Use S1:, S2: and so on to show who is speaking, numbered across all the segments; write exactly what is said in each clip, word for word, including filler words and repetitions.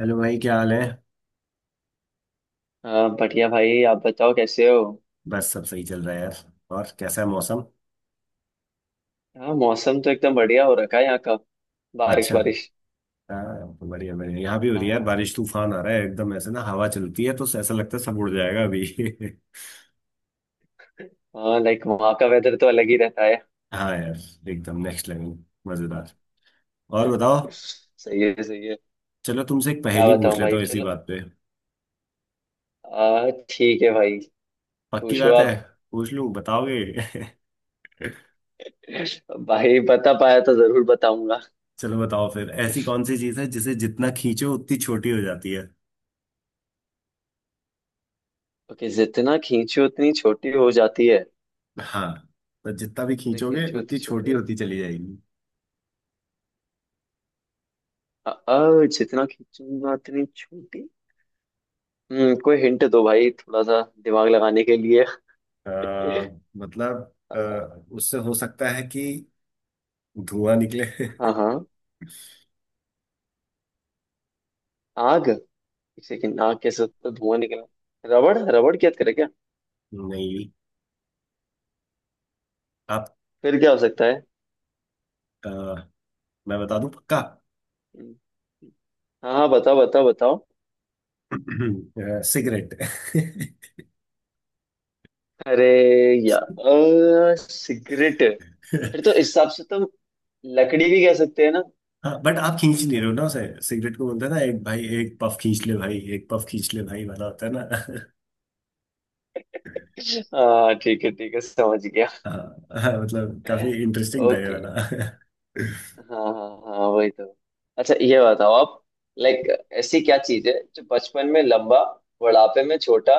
S1: Hello भाई, क्या हाल है।
S2: हाँ, बढ़िया भाई। आप बताओ कैसे हो?
S1: बस सब सही चल रहा है यार। और कैसा है मौसम।
S2: हाँ, मौसम तो एकदम बढ़िया हो रखा है यहाँ का। बारिश
S1: अच्छा।
S2: बारिश।
S1: हाँ तो बढ़िया बढ़िया, यहाँ भी हो रही है यार
S2: हाँ।
S1: बारिश। तूफान आ रहा है, एकदम ऐसे ना, हवा चलती है तो ऐसा लगता है सब उड़ जाएगा अभी।
S2: हाँ, लाइक वहाँ का वेदर तो अलग ही रहता है।
S1: हाँ यार, एकदम नेक्स्ट लेवल। मजेदार। और बताओ।
S2: सही है सही है।
S1: चलो, तुमसे एक
S2: क्या
S1: पहेली पूछ
S2: बताऊँ
S1: लेता
S2: भाई।
S1: हूँ इसी
S2: चलो।
S1: बात पे।
S2: आ, ठीक है भाई।
S1: पक्की
S2: पूछो
S1: बात है।
S2: आप।
S1: पूछ लूँ, बताओगे।
S2: भाई, बता पाया तो जरूर बताऊंगा।
S1: चलो बताओ फिर, ऐसी कौन सी चीज़ है जिसे जितना खींचो उतनी छोटी हो जाती है।
S2: ओके। जितना खींचो उतनी छोटी हो जाती है।
S1: हाँ। तो जितना भी
S2: जितना
S1: खींचोगे
S2: खींचो
S1: उतनी
S2: उतनी
S1: छोटी
S2: छोटी।
S1: होती चली जाएगी।
S2: आ, आ, जितना खींचूंगा उतनी छोटी। हम्म कोई हिंट दो भाई, थोड़ा सा दिमाग लगाने के लिए।
S1: अ, मतलब। अ,
S2: आ,
S1: उससे हो सकता है कि धुआं निकले।
S2: हाँ हाँ। आग। किसी की नाक के से तो धुआं निकला। रबड़ रबड़ की याद करे क्या?
S1: नहीं। आप।
S2: फिर क्या हो सकता है?
S1: अ, मैं बता दूं पक्का।
S2: हम्म, हाँ हाँ, बताओ बताओ बताओ।
S1: अ, सिगरेट।
S2: अरे यार, सिगरेट। फिर तो इस हिसाब से तो। लकड़ी भी कह सकते हैं ना।
S1: हाँ, बट आप खींच नहीं रहे हो ना उसे। सिगरेट को बोलते हैं ना, एक भाई एक पफ खींच ले भाई, एक पफ खींच ले भाई, वाला होता है ना।
S2: हाँ ठीक है ठीक है, समझ गया।
S1: हाँ। हाँ, मतलब काफी इंटरेस्टिंग था ये
S2: ओके।
S1: वाला।
S2: हाँ हाँ। हाँ वही तो। अच्छा, ये बताओ आप। लाइक। ऐसी क्या चीज है जो बचपन में लंबा, बुढ़ापे में छोटा,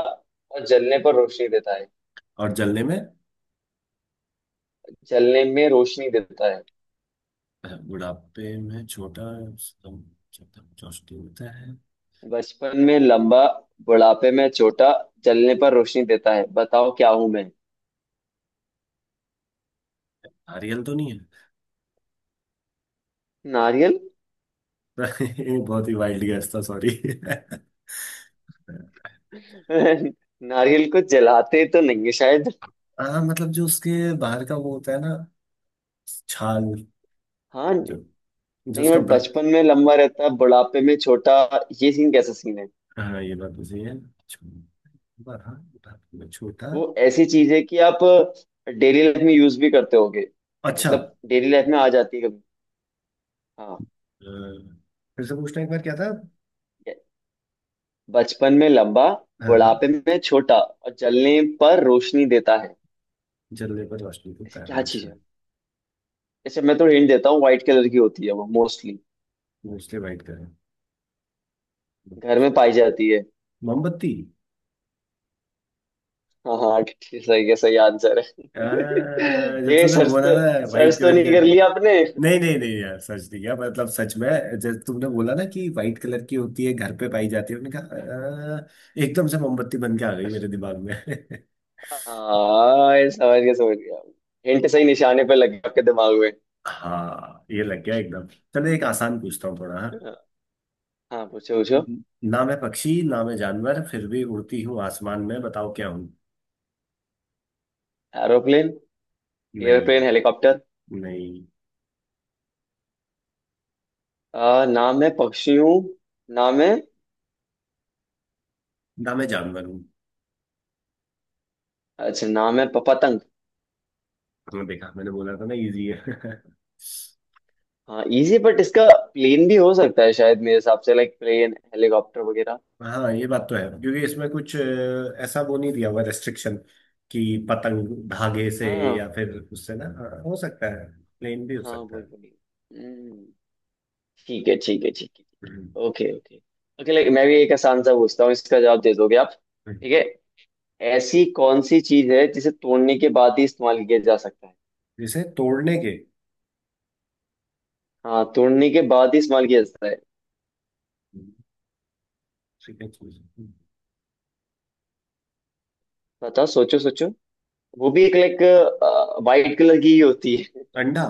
S2: और जलने पर रोशनी देता है?
S1: और जलने में।
S2: जलने में रोशनी देता है।
S1: बुढ़ापे में छोटा। सम- सम- चौष्टी होता है।
S2: बचपन में लंबा, बुढ़ापे में छोटा, जलने पर रोशनी देता है। बताओ क्या हूं मैं?
S1: नारियल तो नहीं है।
S2: नारियल?
S1: ये बहुत ही वाइल्ड गेस था, सॉरी।
S2: नारियल को जलाते तो नहीं है शायद।
S1: हाँ मतलब जो उसके बाहर का वो होता है ना, छाल।
S2: हाँ।
S1: जो जो
S2: नहीं,
S1: उसका
S2: बट
S1: ब्र...
S2: बचपन में लंबा रहता है बुढ़ापे में छोटा। ये सीन कैसा सीन है?
S1: हाँ, ये बात तो सही है। छो- बड़ा। बड़ा- छोटा।
S2: वो ऐसी चीज है कि आप डेली लाइफ में यूज भी करते होगे।
S1: अच्छा।
S2: मतलब डेली लाइफ में आ जाती है कभी। हाँ।
S1: अ, फिर से पूछना एक बार क्या था।
S2: ये- बचपन में लंबा,
S1: हाँ हाँ।
S2: बुढ़ापे में छोटा और जलने पर रोशनी देता है।
S1: जलने पर रोशनी
S2: ऐसी
S1: होता है। हाँ,
S2: क्या चीज
S1: अच्छा।
S2: है? जैसे मैं तो हिंट देता हूँ, व्हाइट कलर की होती है वो मोस्टली।
S1: Mostly white colour.
S2: घर में पाई जाती है।
S1: मोमबत्ती।
S2: हाँ हाँ ठीक- सही है, सही आंसर है।
S1: अ, जब
S2: ये
S1: तुमने
S2: सर्च
S1: बोला
S2: तो।
S1: ना, वाइट
S2: सर्च तो
S1: कलर की
S2: नहीं कर
S1: होती।
S2: लिया आपने?
S1: नहीं नहीं नहीं यार, सच नहीं यार, मतलब सच में, जैसे तुमने बोला ना कि व्हाइट कलर की होती है, घर पे पाई जाती है, मैंने कहा, "अ, एकदम से मोमबत्ती बन के आ गई मेरे दिमाग में।
S2: हाँ, ये समझ गया समझ गया। हिंट सही निशाने पे लग गया आपके दिमाग में।
S1: हाँ, ये लग गया एकदम। चलो एक आसान पूछता हूँ थोड़ा, हाँ।
S2: हाँ, पूछो पूछो।
S1: हम्म। ना मैं पक्षी, ना मैं जानवर, फिर भी उड़ती हूँ आसमान में, बताओ क्या हूँ।
S2: एरोप्लेन।
S1: नहीं।
S2: Airplane, helicopter.
S1: नहीं।
S2: आ, नाम है पक्षियों। नाम है।
S1: ना मैं जानवर हूँ।
S2: अच्छा नाम है, प- पतंग।
S1: हाँ, देखा, मैंने बोला था ना इजी है।
S2: हाँ इजी बट इसका। प्लेन भी हो सकता है शायद मेरे हिसाब से, लाइक प्लेन हेलीकॉप्टर वगैरह।
S1: हाँ, ये बात तो है क्योंकि इसमें कुछ अ, ऐसा वो नहीं दिया हुआ रेस्ट्रिक्शन कि पतंग धागे से, या
S2: हाँ
S1: फिर उससे ना, हाँ, हो सकता है, प्लेन भी हो
S2: हाँ,
S1: सकता
S2: वही
S1: है।
S2: वही। हम्म, ठीक है ठीक है ठीक है ठीक
S1: हम्म।
S2: है। Okay okay. ओके, लाइक मैं भी एक आसान सा पूछता हूँ, इसका जवाब दे दोगे आप?
S1: हम्म।
S2: ठीक है। ऐसी कौन सी चीज है जिसे तोड़ने के बाद ही इस्तेमाल किया जा सकता है?
S1: जैसे तोड़ने के।
S2: हाँ, तोड़ने के बाद ही इस्तेमाल किया जाता है।
S1: ठीक है चीज।
S2: बताओ, सोचो सोचो। वो भी एक लाइक। वाइट कलर की ही होती है।
S1: अंडा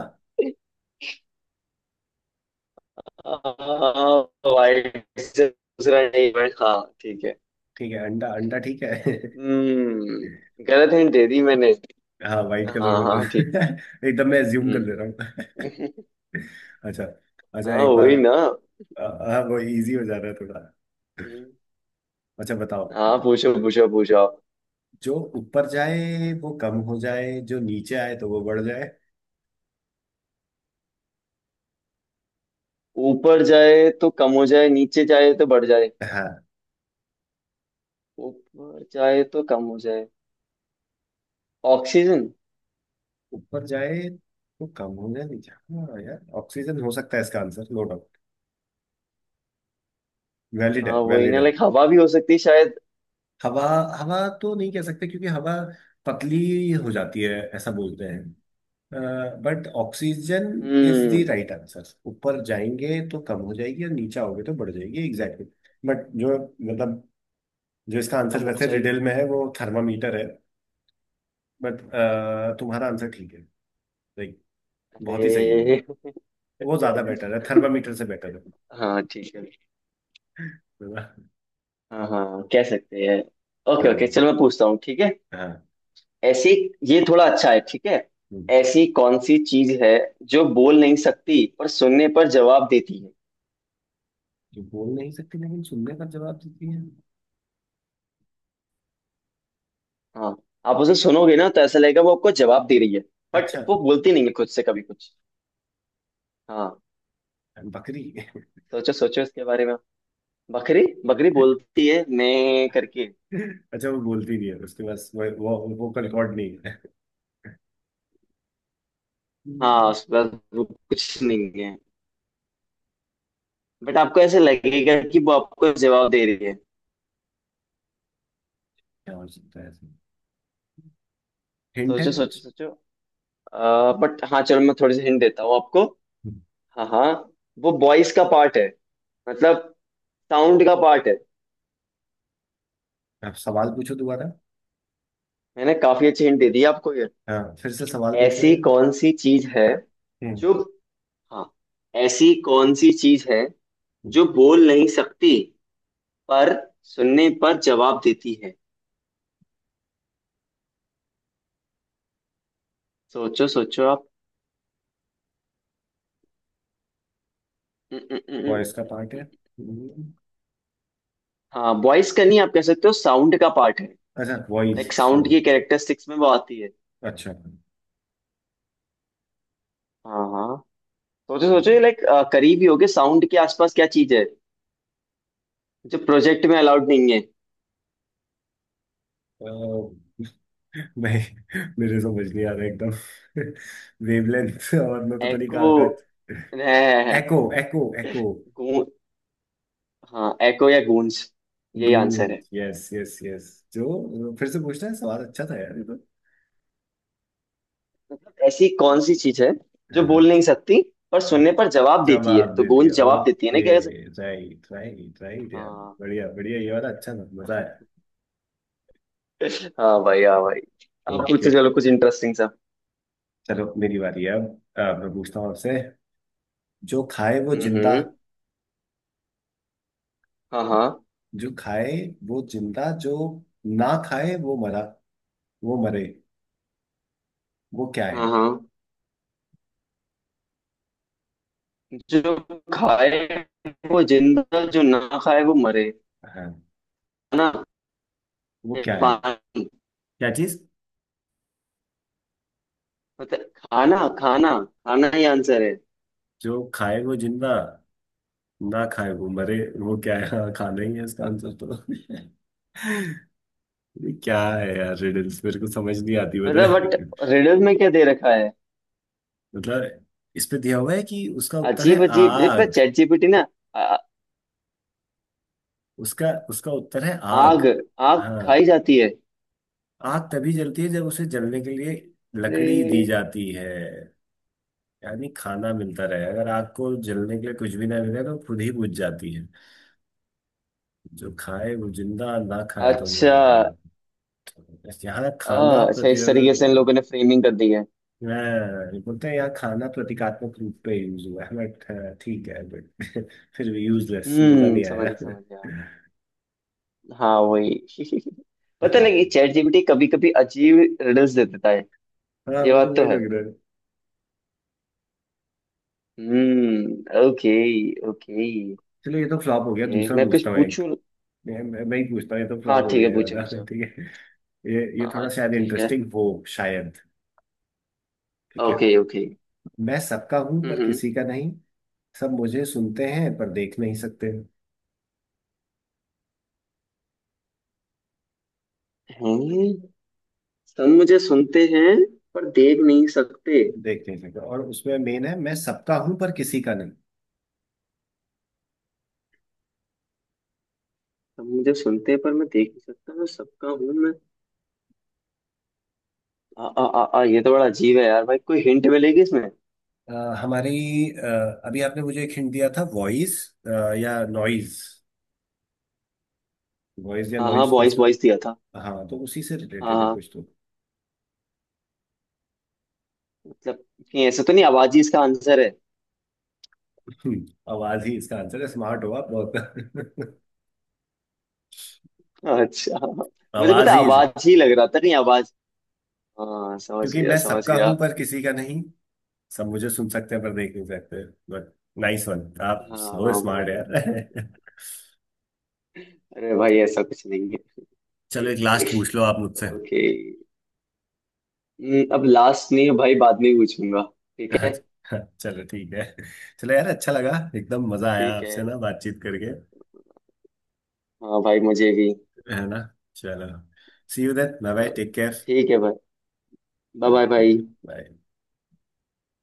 S2: वाइट से दूसरा नहीं है, हाँ। ठीक है।
S1: ठीक है। अंडा अंडा ठीक है।
S2: हम्म गलत हिंट दे दी मैंने।
S1: हाँ, वाइट
S2: हाँ
S1: कलर बोल
S2: हाँ
S1: रहे
S2: ठीक है।
S1: हो। एकदम मैं एज्यूम कर ले रहा
S2: हम्म।
S1: हूँ। अच्छा। अच्छा
S2: हाँ
S1: एक बार।
S2: वही ना।
S1: अ, हाँ, वो इजी हो जा रहा है थोड़ा।
S2: हम्म।
S1: अच्छा बताओ।
S2: हाँ, पूछो पूछो पूछो आप।
S1: जो ऊपर जाए वो कम हो जाए, जो नीचे आए तो वो बढ़ जाए।
S2: ऊपर जाए तो कम हो जाए, नीचे जाए तो बढ़ जाए।
S1: हाँ।
S2: ऊपर जाए तो कम हो जाए। ऑक्सीजन।
S1: ऊपर जाए तो कम हो जाए नीचे, हाँ यार, ऑक्सीजन हो सकता है इसका आंसर, नो डाउट। वैलिड
S2: हाँ
S1: है,
S2: वही
S1: वैलिड
S2: ना,
S1: है।
S2: लाइक हवा भी हो सकती है शायद।
S1: हवा। हवा तो नहीं कह सकते क्योंकि हवा पतली हो जाती है ऐसा बोलते हैं, but oxygen is the
S2: hmm.
S1: Right answer. ऊपर जाएंगे तो कम हो जाएगी और नीचे आओगे तो बढ़ जाएगी, एग्जैक्टली। बट जो, मतलब जो इसका आंसर
S2: कम हो
S1: वैसे
S2: जाए।
S1: रिडल में है वो थर्मामीटर है। बट तुम्हारा आंसर ठीक है, लाइक, बहुत ही सही है, वो
S2: अरे।
S1: वो ज्यादा बेटर है, थर्मामीटर से बेटर
S2: हाँ, ठीक है।
S1: है।
S2: हाँ हाँ, कह सकते हैं। ओके ओके,
S1: हाँ
S2: चलो मैं पूछता हूँ, ठीक है।
S1: हाँ।
S2: ऐसी। ये थोड़ा अच्छा है, ठीक है।
S1: हम्म।
S2: ऐसी कौन सी चीज है जो बोल नहीं सकती पर सुनने पर जवाब देती है?
S1: जो बोल नहीं सकती लेकिन सुनने का जवाब देती है।
S2: हाँ। आप उसे सुनोगे ना तो ऐसा लगेगा वो आपको जवाब दे रही है। बट
S1: अच्छा।
S2: वो बोलती नहीं है खुद से कभी कुछ। हाँ।
S1: बकरी।
S2: सोचो सोचो इसके बारे में। बकरी बकरी बोलती है मैं करके।
S1: अच्छा, वो बोलती नहीं है, उसके पास वो वो वोकल रिकॉर्ड नहीं है।
S2: हाँ,
S1: हम्म।
S2: उस बस वो कुछ नहीं है। बट आपको ऐसे लगेगा कि वो आपको जवाब दे रही है।
S1: क्या हो सकता है ऐसे, हिंट है
S2: सोचो सोचो
S1: कुछ।
S2: सोचो। आ, बट हाँ, चलो मैं थोड़ी सी हिंट देता हूँ आपको।
S1: हम्म,
S2: हाँ हाँ। वो वॉइस का पार्ट है। मतलब साउंड का पार्ट है।
S1: आप सवाल पूछो दोबारा।
S2: मैंने काफी अच्छी हिंट दे दी आपको ये।
S1: हाँ, फिर से सवाल पूछना
S2: ऐसी
S1: है।
S2: कौन सी चीज है
S1: हम्म
S2: जो। हाँ। ऐसी कौन सी चीज है जो बोल नहीं सकती पर सुनने पर जवाब देती है? सोचो सोचो आप। उम, उम, उम,
S1: वॉइस का
S2: उम,
S1: पार्ट
S2: उम,
S1: है।
S2: उम।
S1: हम्म।
S2: हाँ, वॉइस का नहीं, आप कह सकते हो साउंड का पार्ट है।
S1: अच्छा, वॉइस
S2: लाइक साउंड
S1: सॉरी।
S2: की कैरेक्टरिस्टिक्स में वो आती है।
S1: अच्छा। हम्म।
S2: हाँ हाँ। सोचो सोचो, ये लाइक। करीब ही होगे साउंड के आसपास, क्या चीज है जो प्रोजेक्ट में अलाउड नहीं है?
S1: अ, नहीं। मेरे समझ नहीं आ रहा एकदम। वेवलेंथ और मैं पता नहीं
S2: एको
S1: कहाँ कहाँ।
S2: है।
S1: एको एको एको।
S2: गूं। हाँ, एको या गूंज। यही आंसर
S1: गुड,
S2: है।
S1: Yes yes yes. जो फिर से पूछना है सवाल, अच्छा था यार ये तो।
S2: ऐसी कौन सी चीज है जो
S1: हाँ
S2: बोल नहीं सकती पर
S1: हाँ।
S2: सुनने पर जवाब देती है?
S1: जवाब
S2: तो
S1: दे
S2: गूंज
S1: दिया,
S2: जवाब देती है ना,
S1: ओके।
S2: क्या ऐसे?
S1: राइट राइट राइट यार।
S2: हाँ।
S1: बढ़िया बढ़िया, ये वाला अच्छा था, मजा आया।
S2: हाँ भाई हाँ भाई। आप
S1: ओके।
S2: पूछो, चलो कुछ इंटरेस्टिंग सा।
S1: चलो, मेरी बारी है, अब अब मैं पूछता हूँ आपसे। जो खाए वो जिंदा।
S2: हम्म। हाँ हाँ।
S1: जो खाए वो जिंदा, जो ना खाए वो मरा, वो मरे, वो क्या है।
S2: हाँ हाँ। जो खाए वो जिंदा, जो ना खाए वो मरे।
S1: हाँ।
S2: खाना
S1: वो
S2: या
S1: क्या है।
S2: पानी।
S1: क्या चीज।
S2: मतलब खाना खाना। खाना ही आंसर है।
S1: जो खाए वो जिंदा, ना खाए वो मरे, वो क्या है। हाँ, खाना ही है इसका आंसर तो। ये क्या है यार, रिडल्स मेरे को समझ नहीं आती, पता
S2: मतलब बट।
S1: है।
S2: रिडल में क्या दे रखा है?
S1: मतलब इस पे दिया हुआ है कि उसका उत्तर है
S2: अजीब अजीब ये, पता,
S1: आग।
S2: चैट जीपीटी ना। आ-
S1: उसका उसका उत्तर है आग।
S2: आग। आग खाई
S1: हाँ।
S2: जाती है।
S1: आग तभी जलती है जब उसे जलने के लिए लकड़ी दी
S2: अरे।
S1: जाती है। यानी खाना मिलता रहे, अगर आग को जलने के लिए कुछ भी ना मिले तो खुद ही बुझ जाती है। जो खाए वो जिंदा, ना खाए तो मर
S2: अच्छा।
S1: जाएगा। यहाँ खाना
S2: आ, अच्छा, इस तरीके से
S1: प्रतियोगिता,
S2: इन लोगों ने फ्रेमिंग कर दी है।
S1: मैं बोलते हैं यार, खाना प्रतीकात्मक रूप पे यूज हुआ है, बट ठीक है, बट फिर भी यूजलेस, मजा
S2: हम्म
S1: नहीं
S2: समझ
S1: आया।
S2: गया समझ गया। हाँ वही। पता लगे चैट जीपीटी कभी कभी अजीब रिडल्स दे देता है।
S1: हाँ,
S2: ये
S1: मुझे
S2: बात
S1: वही
S2: तो है।
S1: लग रहा है।
S2: Hmm, okay. ओके।
S1: चलो ये तो फ्लॉप हो गया,
S2: ओके
S1: दूसरा
S2: मैं कुछ
S1: पूछता हूँ एक।
S2: पूछूं?
S1: मैं मैं मैं ही पूछता हूँ, ये तो
S2: हाँ
S1: फ्लॉप हो
S2: ठीक
S1: गया
S2: है,
S1: ये
S2: पूछो
S1: वाला।
S2: पूछो।
S1: ठीक है। ये ये
S2: हाँ हाँ,
S1: थोड़ा शायद
S2: ठीक है।
S1: इंटरेस्टिंग हो, शायद। ठीक है।
S2: Okay okay.
S1: मैं सबका हूँ पर
S2: हम्म हम्म।
S1: किसी का नहीं। सब मुझे सुनते हैं पर देख नहीं सकते,
S2: हैं? सब मुझे सुनते हैं पर देख नहीं सकते।
S1: देख नहीं सकते, और उसमें मेन है, मैं सबका हूँ पर किसी का नहीं।
S2: सब मुझे सुनते हैं पर मैं देख नहीं सकता, मैं सबका हूँ मैं। आ, आ, आ, आ, ये तो बड़ा अजीब है यार भाई, कोई हिंट मिलेगी इसमें?
S1: अ, हमारी, अ, अभी आपने मुझे एक हिंट दिया था, वॉइस या नॉइज, वॉइस या
S2: हाँ हाँ,
S1: नॉइज कुछ
S2: बॉयज
S1: तो।
S2: बॉयज दिया था।
S1: हाँ, तो उसी से
S2: हाँ
S1: रिलेटेड है
S2: हाँ।
S1: कुछ तो।
S2: मतलब। नहीं, ऐसा तो नहीं, आवाज ही इसका आंसर है।
S1: हम्म, आवाज ही इसका आंसर है, स्मार्ट हो आप बहुत।
S2: अच्छा। मुझे पता
S1: आवाज
S2: है,
S1: ही इस-
S2: आवाज ही लग रहा था, नहीं आवाज। हाँ, समझ
S1: क्योंकि
S2: गया
S1: मैं
S2: समझ
S1: सबका
S2: गया।
S1: हूं पर किसी का नहीं, सब मुझे सुन सकते हैं पर देख नहीं सकते, बट नाइस वन, आप सो
S2: हाँ
S1: स्मार्ट
S2: वही।
S1: यार।
S2: अरे भाई, ऐसा कुछ नहीं है।
S1: चलो एक लास्ट पूछ लो आप मुझसे।
S2: ओके। हम्म, अब लास्ट नहीं है भाई, बाद में पूछूंगा। ठीक है।
S1: अच्छा चलो, ठीक है। चलो यार, अच्छा लगा। एकदम मजा आया
S2: ठीक है।
S1: आपसे ना बातचीत करके।
S2: हाँ भाई, मुझे भी।
S1: है ना। चलो। See you then, bye bye,
S2: अ,
S1: टेक केयर।
S2: ठीक है भाई। Bye bye
S1: okay.
S2: भाई।
S1: बाय।